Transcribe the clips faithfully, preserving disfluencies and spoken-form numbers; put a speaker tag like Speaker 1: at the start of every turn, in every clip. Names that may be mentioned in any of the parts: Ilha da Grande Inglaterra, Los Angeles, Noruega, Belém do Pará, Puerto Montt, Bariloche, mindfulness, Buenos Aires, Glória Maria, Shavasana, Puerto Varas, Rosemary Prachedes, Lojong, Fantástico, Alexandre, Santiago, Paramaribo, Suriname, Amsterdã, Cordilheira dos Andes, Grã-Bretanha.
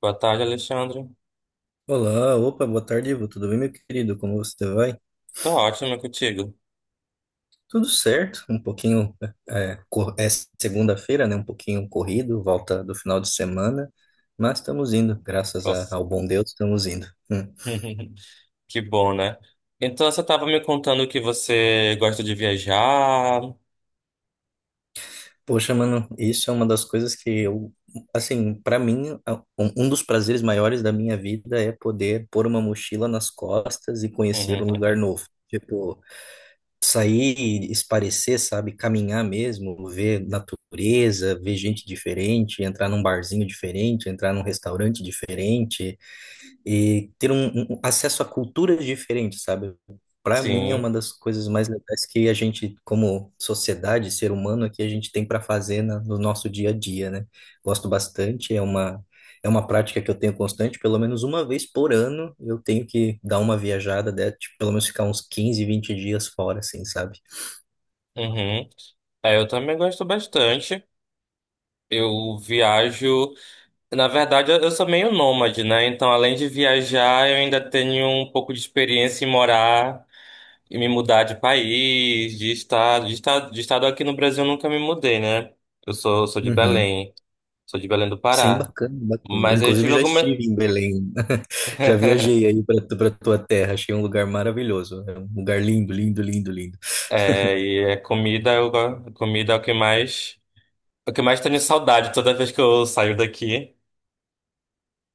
Speaker 1: Boa tarde, Alexandre.
Speaker 2: Olá, opa, boa tarde, Ivo. Tudo bem, meu querido? Como você vai?
Speaker 1: Tô ótimo, é contigo.
Speaker 2: Tudo certo, um pouquinho, é, cor- é segunda-feira, né? Um pouquinho corrido, volta do final de semana, mas estamos indo, graças a-
Speaker 1: Nossa.
Speaker 2: ao bom Deus, estamos indo. Hum.
Speaker 1: Que bom, né? Então você estava me contando que você gosta de viajar.
Speaker 2: Poxa, mano, isso é uma das coisas que eu, assim, para mim, a- um um dos prazeres maiores da minha vida é poder pôr uma mochila nas costas e conhecer um lugar
Speaker 1: Uhum.
Speaker 2: novo. Tipo, sair e esparecer, sabe? Caminhar mesmo, ver natureza, ver gente diferente, entrar num barzinho diferente, entrar num restaurante diferente, e ter um, um um acesso a culturas diferentes, sabe? Para mim é
Speaker 1: Sim.
Speaker 2: uma das coisas mais legais que a gente, como sociedade, ser humano, é que a gente tem para fazer na- no nosso dia a dia, né? Gosto bastante, é uma é uma prática que eu tenho constante, pelo menos uma vez por ano eu tenho que dar uma viajada, né? Tipo, pelo menos ficar uns quinze, vinte dias fora, assim, sabe?
Speaker 1: Uhum. É, eu também gosto bastante. Eu viajo. Na verdade, eu eu sou meio nômade, né? Então, além de viajar, eu ainda tenho um pouco de experiência em morar e me mudar de país, de estado. De estado, de estado aqui no Brasil eu nunca me mudei, né? Eu sou, sou de
Speaker 2: Uhum.
Speaker 1: Belém. Sou de Belém do
Speaker 2: Sim,
Speaker 1: Pará.
Speaker 2: bacana, bacana.
Speaker 1: Mas eu
Speaker 2: Inclusive
Speaker 1: tive
Speaker 2: já
Speaker 1: alguma.
Speaker 2: estive em Belém. Já viajei aí para para tua terra, achei um lugar maravilhoso. É um lugar lindo, lindo, lindo, lindo.
Speaker 1: É, e é comida, eu, go- comida é o que mais. É o que mais tenho saudade toda vez que eu saio daqui.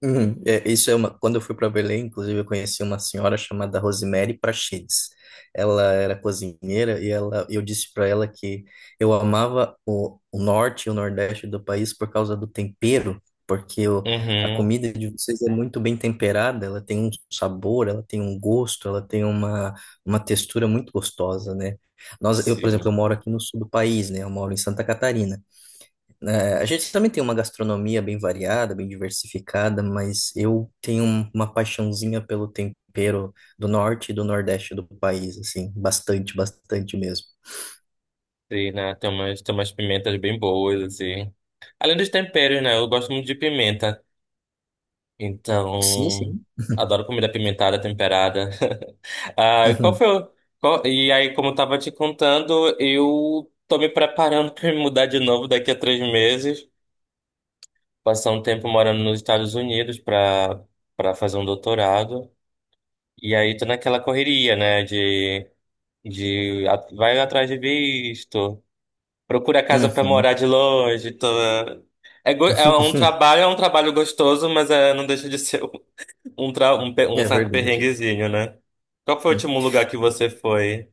Speaker 2: Uhum. É, isso é uma. Quando eu fui para Belém, inclusive, eu conheci uma senhora chamada Rosemary Prachedes. Ela era cozinheira e ela, eu disse para ela que eu amava o, o norte e o nordeste do país por causa do tempero, porque o, a
Speaker 1: Uhum.
Speaker 2: comida de vocês é muito bem temperada, ela tem um sabor, ela tem um gosto, ela tem uma, uma textura muito gostosa, né? Nós, eu, por exemplo, eu
Speaker 1: Sim.
Speaker 2: moro aqui no sul do país, né? Eu moro em Santa Catarina. É, a gente também tem uma gastronomia bem variada, bem diversificada, mas eu tenho um- uma paixãozinha pelo tempero do norte e do nordeste do país, assim, bastante, bastante mesmo.
Speaker 1: Sim, né? Tem umas, tem umas pimentas bem boas, assim. Além dos temperos, né? Eu gosto muito de pimenta.
Speaker 2: Sim,
Speaker 1: Então.
Speaker 2: sim.
Speaker 1: Adoro comida pimentada, temperada. Ah, e qual
Speaker 2: Uhum,
Speaker 1: foi o... qual- E aí, como eu tava te contando, eu tô me preparando pra me mudar de novo daqui a três meses. Passar um tempo morando nos Estados Unidos para para fazer um doutorado. E aí tô naquela correria, né, de de a- vai atrás de visto, procura casa para
Speaker 2: uhum.
Speaker 1: morar de longe, tô. É, go- é um trabalho, é um trabalho gostoso, mas é, não deixa de ser um, tra... um, pe- um
Speaker 2: É
Speaker 1: certo
Speaker 2: verdade.
Speaker 1: perrenguezinho, né? Qual foi o último lugar que você foi?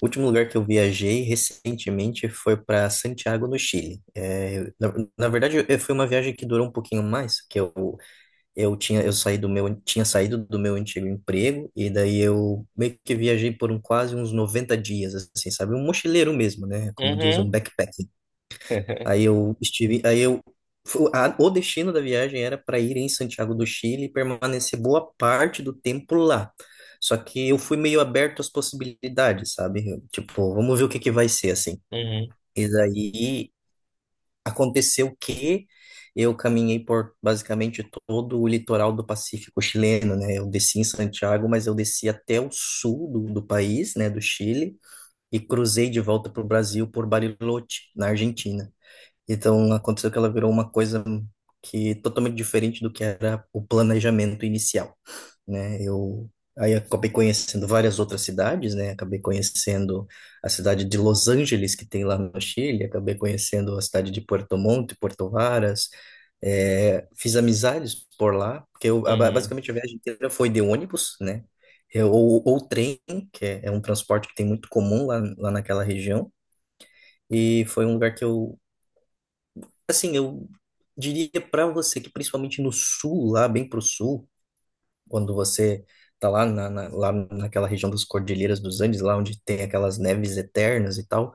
Speaker 2: O último lugar que eu viajei recentemente foi para Santiago, no Chile. É, na, na verdade, eh, foi uma viagem que durou um pouquinho mais, que eu eu tinha eu saí do meu tinha saído do meu antigo emprego e daí eu meio que viajei por um quase uns noventa dias assim, sabe? Um mochileiro mesmo, né? Como diz um
Speaker 1: Uhum.
Speaker 2: backpacking. Aí eu estive, aí eu fu- a- o destino da viagem era para ir em Santiago do Chile e permanecer boa parte do tempo lá. Só que eu fui meio aberto às possibilidades, sabe? Eu, tipo, vamos ver o que que vai ser assim.
Speaker 1: Uhum.
Speaker 2: E daí aconteceu que eu caminhei por basicamente todo o litoral do Pacífico chileno, né? Eu desci em Santiago, mas eu desci até o sul do, do país, né, do Chile, e cruzei de volta para o Brasil por Bariloche, na Argentina. Então aconteceu que ela virou uma coisa que totalmente diferente do que era o planejamento inicial, né? Eu aí acabei conhecendo várias outras cidades, né? Acabei conhecendo a cidade de Los Angeles que tem lá no Chile, acabei conhecendo a cidade de Puerto Montt, Puerto Varas, é, fiz amizades por lá, porque eu, a-
Speaker 1: Uhum.
Speaker 2: basicamente a viagem inteira foi de ônibus, né? Eu- Ou, ou trem, que é, é um transporte que tem muito comum lá, lá naquela região. E foi um lugar que eu assim, eu diria para você que principalmente no sul, lá bem pro sul, quando você tá lá, na, na- lá naquela região das Cordilheiras dos Andes, lá onde tem aquelas neves eternas e tal,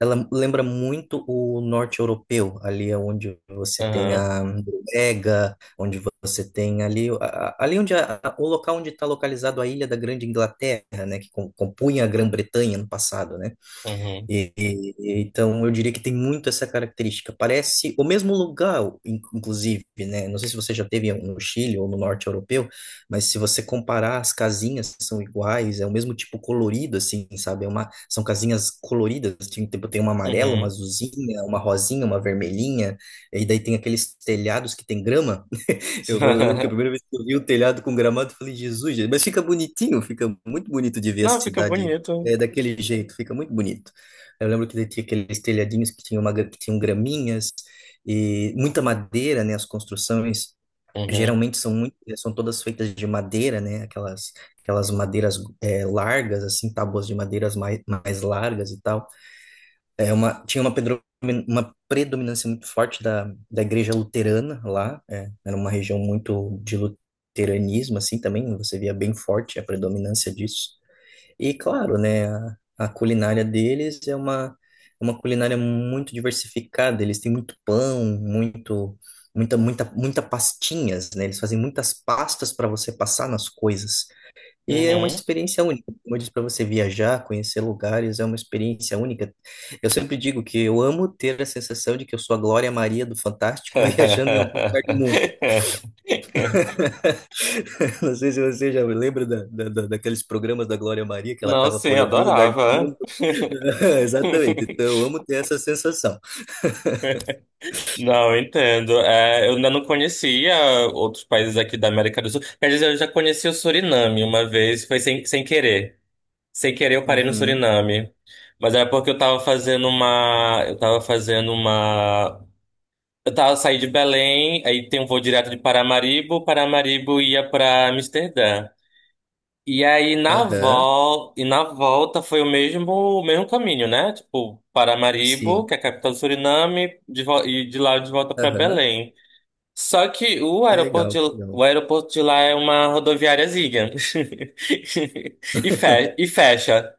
Speaker 2: ela lembra muito o norte europeu, ali é onde você tem
Speaker 1: Uhum.
Speaker 2: a Noruega, onde você tem ali, a- a- ali onde a- a- o local onde está localizado a Ilha da Grande Inglaterra, né, que com- compunha a Grã-Bretanha no passado, né?
Speaker 1: Uhum.
Speaker 2: E- e- então, eu diria que tem muito essa característica. Parece o mesmo lugar, in- inclusive, né? Não sei se você já teve no Chile ou no norte europeu, mas se você comparar, as casinhas são iguais, é o mesmo tipo colorido, assim, sabe? É uma, são casinhas coloridas, assim, tem, tipo, tem uma amarela, uma
Speaker 1: Uhum.
Speaker 2: azulzinha, uma rosinha, uma vermelhinha, e daí tem aqueles telhados que tem grama. Eu, eu lembro que a primeira vez que eu vi o telhado com gramado, eu falei, Jesus, gente, mas fica bonitinho, fica muito bonito de ver a
Speaker 1: Não, fica
Speaker 2: cidade
Speaker 1: bonito.
Speaker 2: é, daquele jeito, fica muito bonito. Eu lembro que tinha aqueles telhadinhos que tinham, uma, gra- que tinham graminhas e muita madeira, né? As construções
Speaker 1: Uhum.
Speaker 2: geralmente são muito, eh, são todas feitas de madeira, né? Aquelas, aquelas madeiras é, largas, assim, tábuas de madeiras mais, mais largas e tal. É uma, tinha uma, pedro- uma predominância muito forte da, da igreja luterana lá, é, era uma região muito de luteranismo, assim, também, você via bem forte a predominância disso. E, claro, né, a, a culinária deles é uma, é uma culinária muito diversificada, eles têm muito pão, muito, muita, muita, muita pastinhas, né, eles fazem muitas pastas para você passar nas coisas. E é uma
Speaker 1: Uhum.
Speaker 2: experiência única. Como eu disse para você, viajar, conhecer lugares, é uma experiência única. Eu sempre digo que eu amo ter a sensação de que eu sou a Glória Maria do Fantástico viajando em algum lugar do mundo. Não sei se você já lembra da, da- da- daqueles programas da Glória Maria, que ela
Speaker 1: Não,
Speaker 2: estava
Speaker 1: sim,
Speaker 2: por algum lugar do
Speaker 1: adorava.
Speaker 2: mundo. Exatamente. Então, eu amo ter essa sensação.
Speaker 1: Não, eu entendo. É, eu ainda não conhecia outros países aqui da América do Sul. Quer dizer, eu já conheci o Suriname uma vez, foi sem, sem querer. Sem querer, eu parei no
Speaker 2: Uhum.
Speaker 1: Suriname. Mas era porque eu tava fazendo uma. Eu tava fazendo uma. Eu tava saindo de Belém, aí tem um voo direto de Paramaribo, Paramaribo ia pra Amsterdã. E aí na
Speaker 2: Aham.
Speaker 1: vol e na volta foi o mesmo o mesmo caminho, né? Tipo, Paramaribo,
Speaker 2: Sim.
Speaker 1: que é a capital do Suriname, de vo- e de lá de volta para
Speaker 2: Aham.
Speaker 1: Belém. Só que o
Speaker 2: Que
Speaker 1: aeroporto
Speaker 2: legal.
Speaker 1: de,
Speaker 2: Que legal.
Speaker 1: o aeroporto de lá é uma rodoviáriazinha. E fe- e fecha.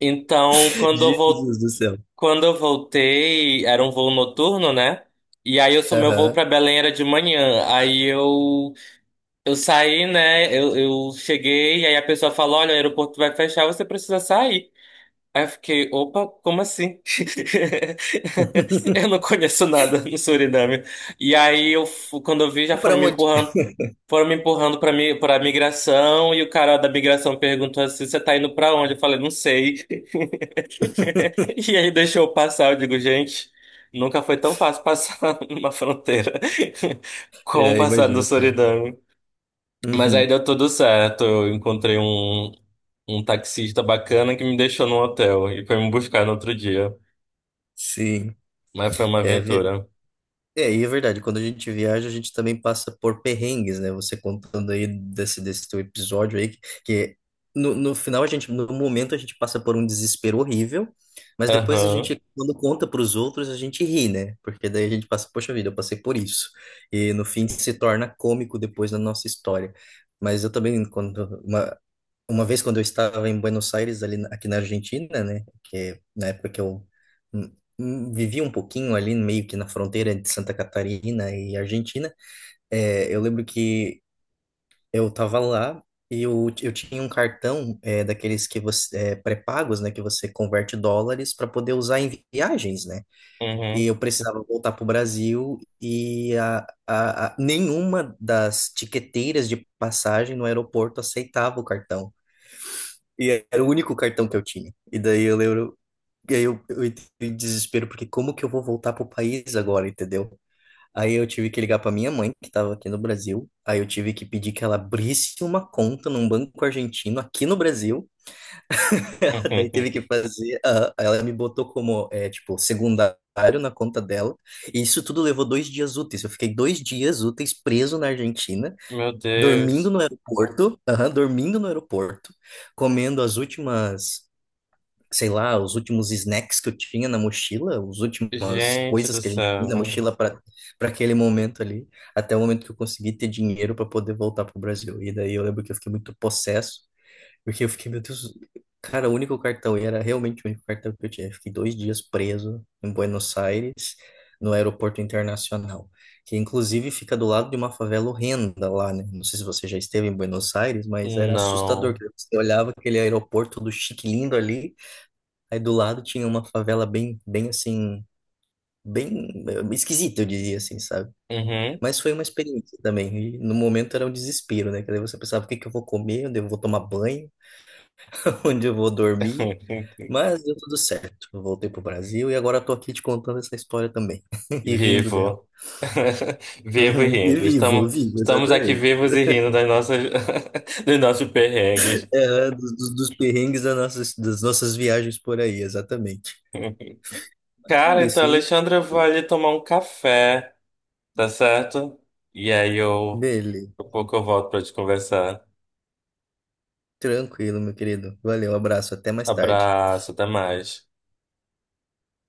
Speaker 1: Então, quando eu vol
Speaker 2: Jesus do céu.
Speaker 1: quando eu voltei, era um voo noturno, né? E aí eu sou meu voo
Speaker 2: Aham.
Speaker 1: para Belém era de manhã. Aí eu Eu saí, né? Eu, eu cheguei, e aí a pessoa falou: "Olha, o aeroporto vai fechar, você precisa sair". Aí eu fiquei: "Opa, como assim?" Eu não conheço nada no Suriname. E aí, eu, fu- quando eu vi, já
Speaker 2: Para
Speaker 1: foram me
Speaker 2: onde?
Speaker 1: empurrando. Foram me empurrando para mim, para migração, e o cara da migração perguntou assim: "Você tá indo para onde?" Eu falei: "Não sei". E aí deixou eu passar. Eu digo: "Gente, nunca foi tão fácil passar numa fronteira como
Speaker 2: É,
Speaker 1: passar no
Speaker 2: imagino, cara.
Speaker 1: Suriname". Mas aí
Speaker 2: Uhum.
Speaker 1: deu tudo certo. Eu encontrei um, um taxista bacana que me deixou no hotel e foi me buscar no outro dia.
Speaker 2: Sim.
Speaker 1: Mas foi uma
Speaker 2: É, vi-
Speaker 1: aventura.
Speaker 2: é, e é verdade, quando a gente viaja, a gente também passa por perrengues, né? Você contando aí desse, desse teu episódio aí, que, que no, no final a gente, no momento a gente passa por um desespero horrível, mas depois a
Speaker 1: Aham.
Speaker 2: gente, quando conta para os outros, a gente ri, né? Porque daí a gente passa, poxa vida, eu passei por isso. E no fim se torna cômico depois da nossa história. Mas eu também, quando uma, uma vez quando eu estava em Buenos Aires, ali na- aqui na Argentina, né, que é na época que eu hum, hum, vivi um pouquinho ali meio que na fronteira de Santa Catarina e Argentina, é, eu lembro que eu estava lá e eu, eu tinha um cartão é, daqueles que você é, pré-pagos, né, que você converte dólares para poder usar em viagens, né?
Speaker 1: Uhum.
Speaker 2: E eu precisava voltar para o Brasil e a, a, a, nenhuma das tiqueteiras de passagem no aeroporto aceitava o cartão. E era o único cartão que eu tinha. E daí eu lembro. E aí eu, eu entrei em desespero, porque como que eu vou voltar pro país agora, entendeu? Aí eu tive que ligar pra minha mãe, que tava aqui no Brasil. Aí eu tive que pedir que ela abrisse uma conta num banco argentino aqui no Brasil. Daí teve que fazer. Ah, ela me botou como, é, tipo, secundário na conta dela. E isso tudo levou dois dias úteis. Eu fiquei dois dias úteis preso na Argentina,
Speaker 1: Meu Deus.
Speaker 2: dormindo no aeroporto, aham, dormindo no aeroporto, comendo as últimas sei lá, os últimos snacks que eu tinha na mochila, as últimas
Speaker 1: Gente
Speaker 2: coisas
Speaker 1: do
Speaker 2: que a gente põe na
Speaker 1: céu.
Speaker 2: mochila para para aquele momento ali, até o momento que eu consegui ter dinheiro para poder voltar pro Brasil. E daí eu lembro que eu fiquei muito possesso, porque eu fiquei, meu Deus, cara, o único cartão, e era realmente o único cartão que eu tinha. Eu fiquei dois dias preso em Buenos Aires, no aeroporto internacional. Que inclusive fica do lado de uma favela horrenda lá, né? Não sei se você já esteve em Buenos Aires, mas era assustador.
Speaker 1: Não.
Speaker 2: Que Você olhava aquele aeroporto do chique lindo ali, aí do lado tinha uma favela bem, bem assim, bem eh, esquisita, eu diria assim, sabe?
Speaker 1: Uhum.
Speaker 2: Mas foi uma experiência também. E no momento era um desespero, né? Que daí você pensava, o que que eu vou comer? Onde eu vou tomar banho? Onde eu vou dormir? Mas deu tudo certo. Eu voltei pro Brasil e agora eu tô aqui te contando essa história também. E rindo dela.
Speaker 1: Vivo. Vivo e
Speaker 2: Uhum. E
Speaker 1: rindo.
Speaker 2: vivo,
Speaker 1: Estamos,
Speaker 2: vivo,
Speaker 1: estamos aqui
Speaker 2: exatamente.
Speaker 1: vivos e rindo das nossas, dos nossos perrengues.
Speaker 2: É, dos, dos dos perrengues das nossas, das nossas viagens por aí, exatamente. Mas é
Speaker 1: Cara, então,
Speaker 2: isso, e
Speaker 1: Alexandre, eu vou ali tomar um café. Tá certo? E aí eu,
Speaker 2: beleza.
Speaker 1: daqui a pouco eu volto pra te conversar.
Speaker 2: Tranquilo, meu querido. Valeu, abraço, até mais tarde.
Speaker 1: Abraço, até mais.